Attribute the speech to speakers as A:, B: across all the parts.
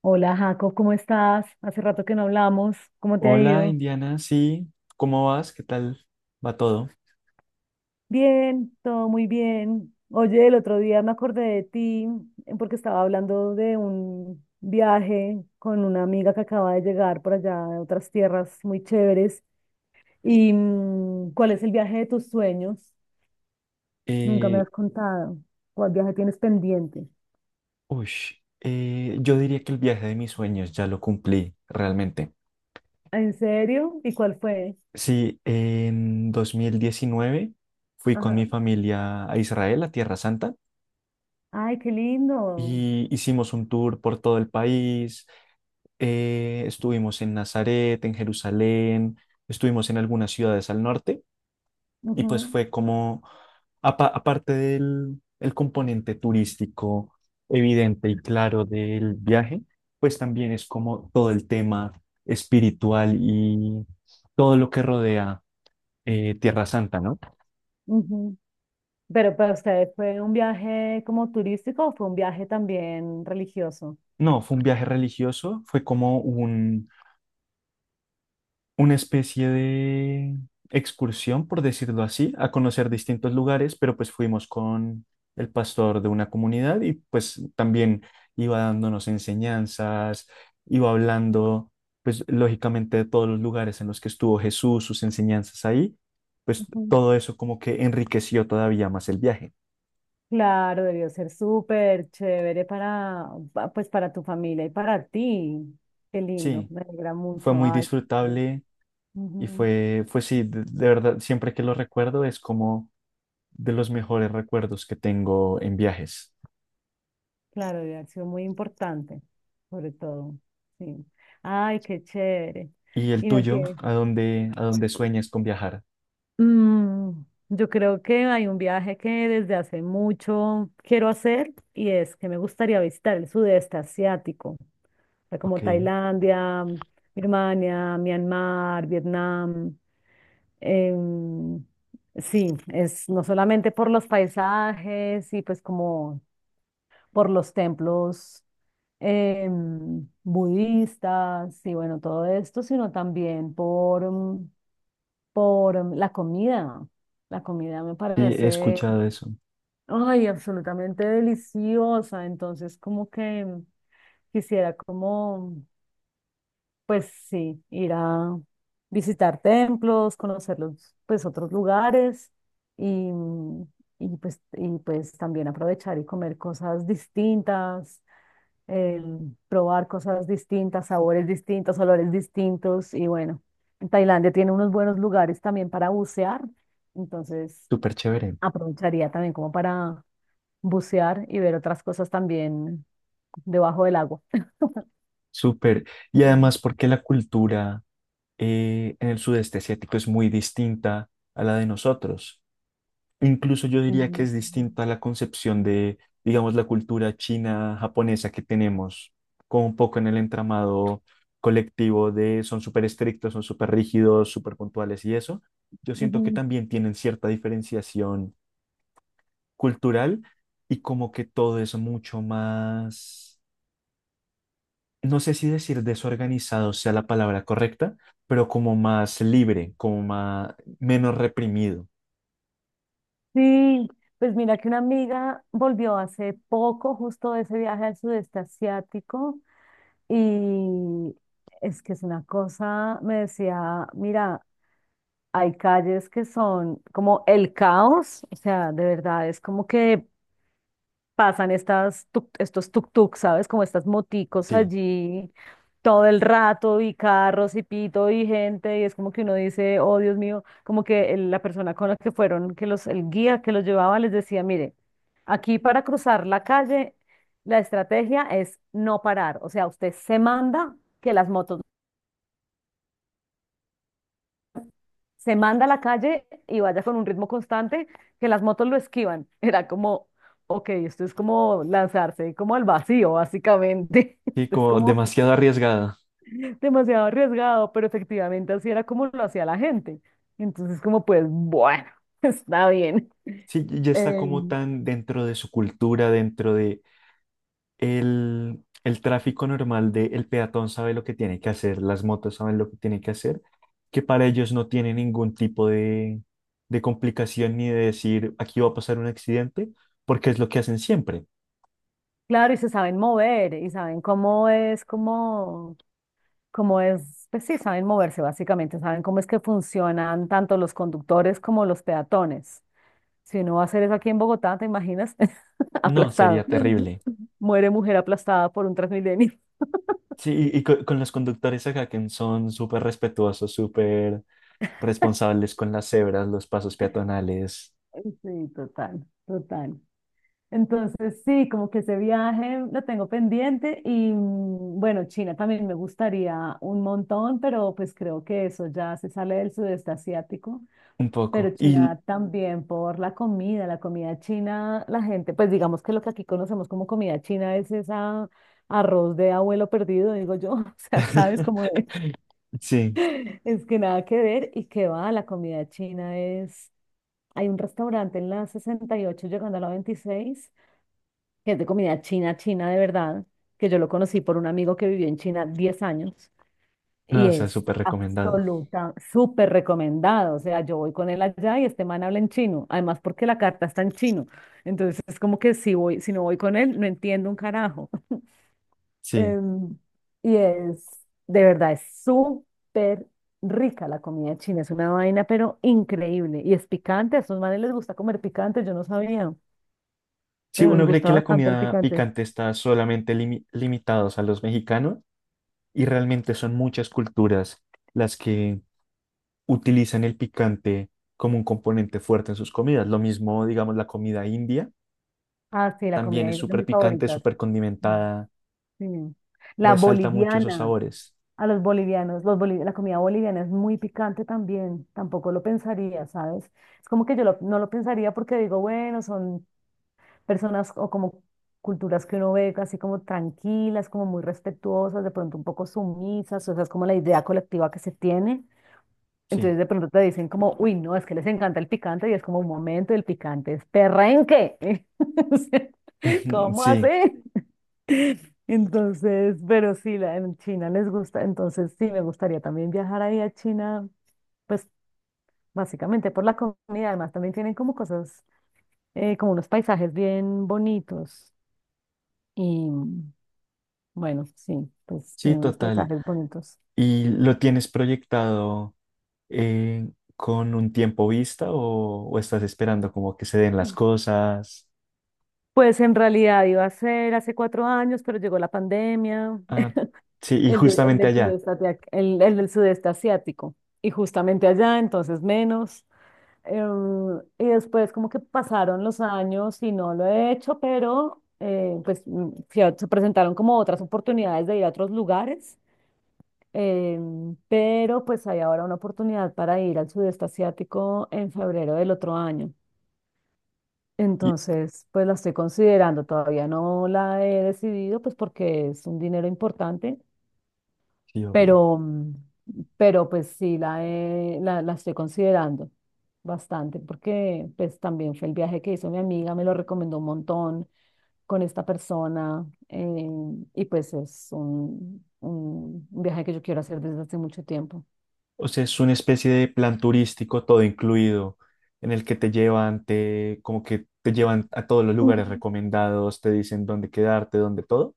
A: Hola Jaco, ¿cómo estás? Hace rato que no hablamos, ¿cómo te ha
B: Hola,
A: ido?
B: Indiana, sí, ¿cómo vas? ¿Qué tal va todo?
A: Bien, todo muy bien. Oye, el otro día me acordé de ti porque estaba hablando de un viaje con una amiga que acaba de llegar por allá de otras tierras muy chéveres. ¿Y cuál es el viaje de tus sueños? Nunca me
B: Eh,
A: has contado. ¿Cuál viaje tienes pendiente?
B: uy, yo diría que el viaje de mis sueños ya lo cumplí realmente.
A: ¿En serio? ¿Y cuál fue?
B: Sí, en 2019 fui con mi
A: Ajá.
B: familia a Israel, a Tierra Santa,
A: Ay, qué lindo.
B: y hicimos un tour por todo el país. Estuvimos en Nazaret, en Jerusalén, estuvimos en algunas ciudades al norte. Y pues
A: Ujú,
B: fue como, aparte del el componente turístico evidente y claro del viaje, pues también es como todo el tema espiritual y todo lo que rodea Tierra Santa, ¿no?
A: ujú. Pero para ustedes, ¿fue un viaje como turístico o fue un viaje también religioso?
B: No, fue un viaje religioso, fue como un una especie de excursión, por decirlo así, a conocer distintos lugares, pero pues fuimos con el pastor de una comunidad y pues también iba dándonos enseñanzas, iba hablando, pues lógicamente de todos los lugares en los que estuvo Jesús, sus enseñanzas ahí, pues
A: Ujú.
B: todo eso como que enriqueció todavía más el viaje.
A: Claro, debió ser súper chévere pues para tu familia y para ti. Qué lindo,
B: Sí,
A: me alegra
B: fue
A: mucho.
B: muy
A: Ay, bueno.
B: disfrutable y
A: Ujú.
B: fue sí, de verdad, siempre que lo recuerdo es como de los mejores recuerdos que tengo en viajes.
A: Claro, debe haber sido muy importante, sobre todo. Sí. Ay, qué chévere.
B: ¿Y el
A: Y no
B: tuyo?
A: tiene.
B: A dónde sueñas con viajar?
A: Mm, yo creo que hay un viaje que desde hace mucho quiero hacer y es que me gustaría visitar el sudeste asiático. Sea,
B: Ok,
A: como
B: sí,
A: Tailandia, Birmania, Myanmar, Vietnam. em, sí, es no solamente por los paisajes y pues como por los templos budistas y bueno, todo esto, sino también por la comida. La comida me
B: he
A: parece,
B: escuchado eso.
A: ay, absolutamente deliciosa. Entonces, como que quisiera como, pues sí, ir a visitar templos, conocer los, pues otros lugares y, mm, y pues también aprovechar y comer cosas distintas, eh, probar cosas distintas, sabores distintos, olores distintos y bueno, Tailandia tiene unos buenos lugares también para bucear, entonces
B: Súper chévere,
A: aprovecharía también como para bucear y ver otras cosas también debajo del agua.
B: súper. Y
A: Mm,
B: además porque la cultura en el sudeste asiático es muy distinta a la de nosotros. Incluso yo diría que es
A: mm,
B: distinta a la concepción de, digamos, la cultura china, japonesa que tenemos, como un poco en el entramado colectivo de son súper estrictos, son súper rígidos, súper puntuales y eso. Yo siento que
A: ujú.
B: también tienen cierta diferenciación cultural y como que todo es mucho más, no sé si decir desorganizado sea la palabra correcta, pero como más libre, como más, menos reprimido,
A: Sí, pues mira que una amiga volvió hace poco justo de ese viaje al sudeste asiático y es que es una cosa, me decía, mira, hay calles que son como el caos, o sea, de verdad es como que pasan estos tuk-tuk, ¿sabes? Como estas moticos
B: sí,
A: allí todo el rato y carros y pito y gente y es como que uno dice, oh Dios mío, como que la persona con la que fueron, que el guía que los llevaba les decía, mire, aquí para cruzar la calle, la estrategia es no parar, o sea, usted se manda. Que las motos Se manda a la calle y vaya con un ritmo constante, que las motos lo esquivan. Era como, ok, esto es como lanzarse como al vacío, básicamente.
B: sí,
A: Esto es
B: como
A: como
B: demasiado arriesgada.
A: demasiado arriesgado, pero efectivamente así era como lo hacía la gente. Entonces, como pues, bueno, está bien.
B: Sí, ya está
A: Eh,
B: como tan dentro de su cultura, dentro de el tráfico normal de el peatón sabe lo que tiene que hacer, las motos saben lo que tienen que hacer, que para ellos no tiene ningún tipo de complicación ni de decir aquí va a pasar un accidente, porque es lo que hacen siempre.
A: claro, y se saben mover y saben cómo es, pues sí, saben moverse básicamente, saben cómo es que funcionan tanto los conductores como los peatones. Si no va a ser eso aquí en Bogotá, ¿te imaginas?
B: No,
A: Aplastado.
B: sería terrible.
A: Muere mujer aplastada por un Transmilenio.
B: Sí, y con, los conductores acá que son súper respetuosos, súper responsables con las cebras, los pasos peatonales,
A: Sí, total, total. Entonces, sí, como que ese viaje lo tengo pendiente y bueno, China también me gustaría un montón, pero pues creo que eso ya se sale del sudeste asiático,
B: un
A: pero
B: poco. Y
A: China también por la comida china, la gente, pues digamos que lo que aquí conocemos como comida china es esa arroz de abuelo perdido, digo yo, o sea, sabes, como de.
B: sí,
A: Es que nada que ver y que va, la comida china es... Hay un restaurante en la 68 llegando a la 26 que es de comida china, china de verdad, que yo lo conocí por un amigo que vivió en China 10 años
B: no,
A: y
B: o sea,
A: es
B: súper recomendado.
A: absoluta, súper recomendado. O sea, yo voy con él allá y este man habla en chino, además porque la carta está en chino. Entonces es como que si voy, si no voy con él, no entiendo un carajo.
B: Sí.
A: Em, y es, de verdad, es súper rica la comida china, es una vaina, pero increíble. Y es picante, a esos manes les gusta comer picante, yo no sabía,
B: Sí,
A: pero les
B: uno cree
A: gusta
B: que la
A: bastante el
B: comida
A: picante.
B: picante está solamente limitados a los mexicanos y realmente son muchas culturas las que utilizan el picante como un componente fuerte en sus comidas. Lo mismo, digamos, la comida india
A: Ah, sí, la comida
B: también
A: ahí
B: es
A: es de
B: súper
A: mis
B: picante,
A: favoritas.
B: súper
A: Mm,
B: condimentada,
A: sí. La
B: resalta mucho esos
A: boliviana,
B: sabores.
A: a los bolivianos, la comida boliviana es muy picante también, tampoco lo pensaría, ¿sabes? Es como que no lo pensaría porque digo, bueno, son personas o como culturas que uno ve así como tranquilas, como muy respetuosas, de pronto un poco sumisas, o sea, es como la idea colectiva que se tiene.
B: Sí,
A: Entonces de pronto te dicen como, uy, no, es que les encanta el picante y es como un momento, el picante es perrenque. O sea, ¿cómo así?
B: sí,
A: Entonces, pero sí, en China les gusta, entonces sí, me gustaría también viajar ahí a China, pues básicamente por la comida, además también tienen como cosas, como unos paisajes bien bonitos. Y, bueno, sí, pues
B: sí,
A: tiene unos
B: total.
A: paisajes bonitos.
B: ¿Y lo tienes proyectado eh, con un tiempo vista o estás esperando como que se den las
A: Mm.
B: cosas?
A: Pues en realidad iba a ser hace 4 años, pero llegó la pandemia.
B: Ah, sí, y
A: El, de- el
B: justamente
A: del
B: allá.
A: sudeste, asiático- el, el del sudeste asiático. Y justamente allá, entonces menos. Y después como que pasaron los años y no lo he hecho, pero pues se presentaron como otras oportunidades de ir a otros lugares. Pero pues hay ahora una oportunidad para ir al sudeste asiático en febrero del otro año.
B: Y,
A: Entonces, pues la estoy considerando, todavía no la he decidido, pues porque es un dinero importante,
B: sí, obvio.
A: pero, mm, pero pues sí la estoy considerando bastante, porque pues también fue el viaje que hizo mi amiga, me lo recomendó un montón con esta persona, y pues es un viaje que yo quiero hacer desde hace mucho tiempo.
B: O sea, es una especie de plan turístico todo incluido, en el que te llevan, te, como que te llevan a todos los lugares recomendados, te dicen dónde quedarte, dónde todo.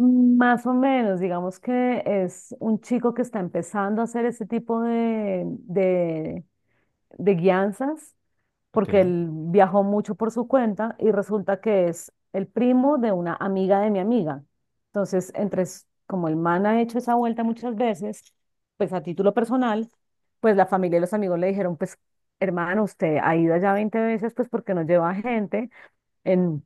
A: Más o menos, digamos que es un chico que está empezando a hacer ese tipo de guianzas,
B: Ok,
A: porque él viajó mucho por su cuenta y resulta que es el primo de una amiga de mi amiga. Entonces, como el man ha hecho esa vuelta muchas veces, pues a título personal, pues la familia y los amigos le dijeron, pues hermano, usted ha ido allá 20 veces, ¿pues porque no lleva gente? En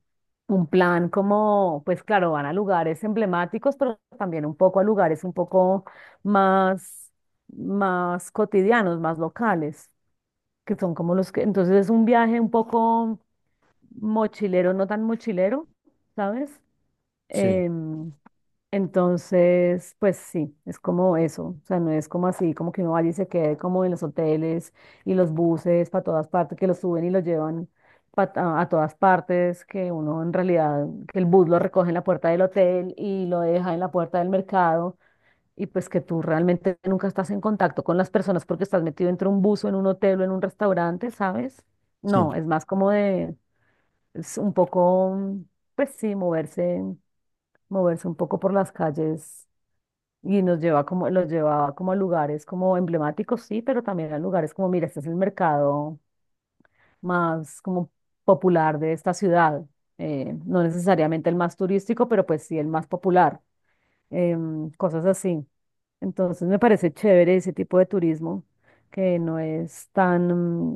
A: un plan como, pues claro, van a lugares emblemáticos, pero también un poco a lugares un poco más, más cotidianos, más locales, que son como los que, entonces es un viaje un poco mochilero, no tan mochilero, ¿sabes?
B: sí,
A: Em, entonces, pues sí, es como eso, o sea, no es como así, como que uno vaya y se quede como en los hoteles y los buses para todas partes, que los suben y los llevan a todas partes, que uno en realidad, que el bus lo recoge en la puerta del hotel y lo deja en la puerta del mercado y pues que tú realmente nunca estás en contacto con las personas porque estás metido entre un bus o en un hotel o en un restaurante, ¿sabes?
B: sí,
A: No, es más como de, es un poco, pues sí, moverse un poco por las calles y los llevaba como a lugares como emblemáticos, sí, pero también a lugares como, mira, este es el mercado más como popular de esta ciudad, no necesariamente el más turístico, pero pues sí el más popular, cosas así. Entonces me parece chévere ese tipo de turismo que no es tan,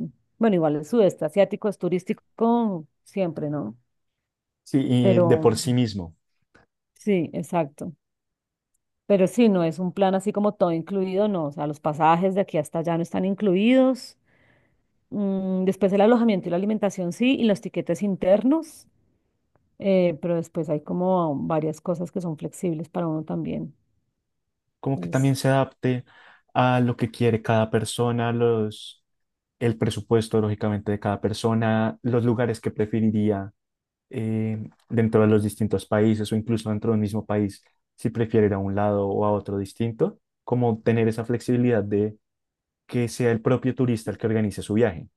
A: mm, bueno, igual el sudeste asiático es turístico siempre, ¿no?
B: sí, y de por
A: Pero
B: sí mismo.
A: sí, exacto. Pero sí, no es un plan así como todo incluido, no. O sea, los pasajes de aquí hasta allá no están incluidos. Después el alojamiento y la alimentación sí, y los tiquetes internos. Pero después hay como varias cosas que son flexibles para uno también.
B: Como que también
A: Entonces,
B: se adapte a lo que quiere cada persona, los, el presupuesto, lógicamente, de cada persona, los lugares que preferiría eh, dentro de los distintos países o incluso dentro del mismo país, si prefiere ir a un lado o a otro distinto, como tener esa flexibilidad de que sea el propio turista el que organice su viaje.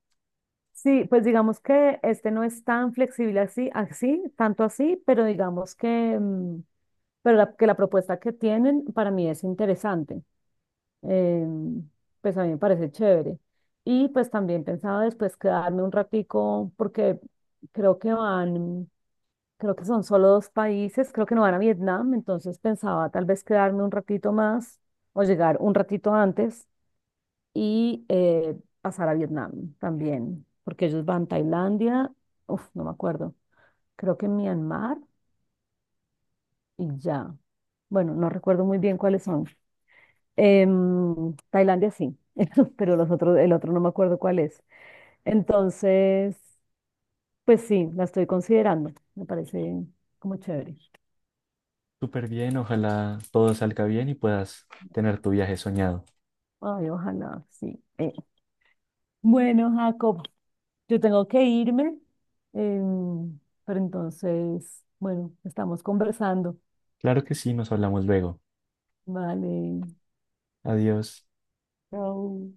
A: sí, pues digamos que este no es tan flexible así, así, tanto así, pero digamos que, pero que la propuesta que tienen para mí es interesante. em, pues a mí me parece chévere. Y pues también pensaba después quedarme un ratico porque creo que van, creo que son solo dos países, creo que no van a Vietnam, entonces pensaba tal vez quedarme un ratito más o llegar un ratito antes y pasar a Vietnam también, porque ellos van a Tailandia, uf, no me acuerdo, creo que Myanmar y ya. Bueno, no recuerdo muy bien cuáles son. Tailandia sí, pero los otros, el otro no me acuerdo cuál es. Entonces, pues sí, la estoy considerando. Me parece como chévere.
B: Súper bien, ojalá todo salga bien y puedas tener tu viaje soñado.
A: Ay, ojalá, sí. Bueno, Jacob, yo tengo que irme, em, pero entonces, bueno, estamos conversando.
B: Claro que sí, nos hablamos luego.
A: Vale,
B: Adiós.
A: chao.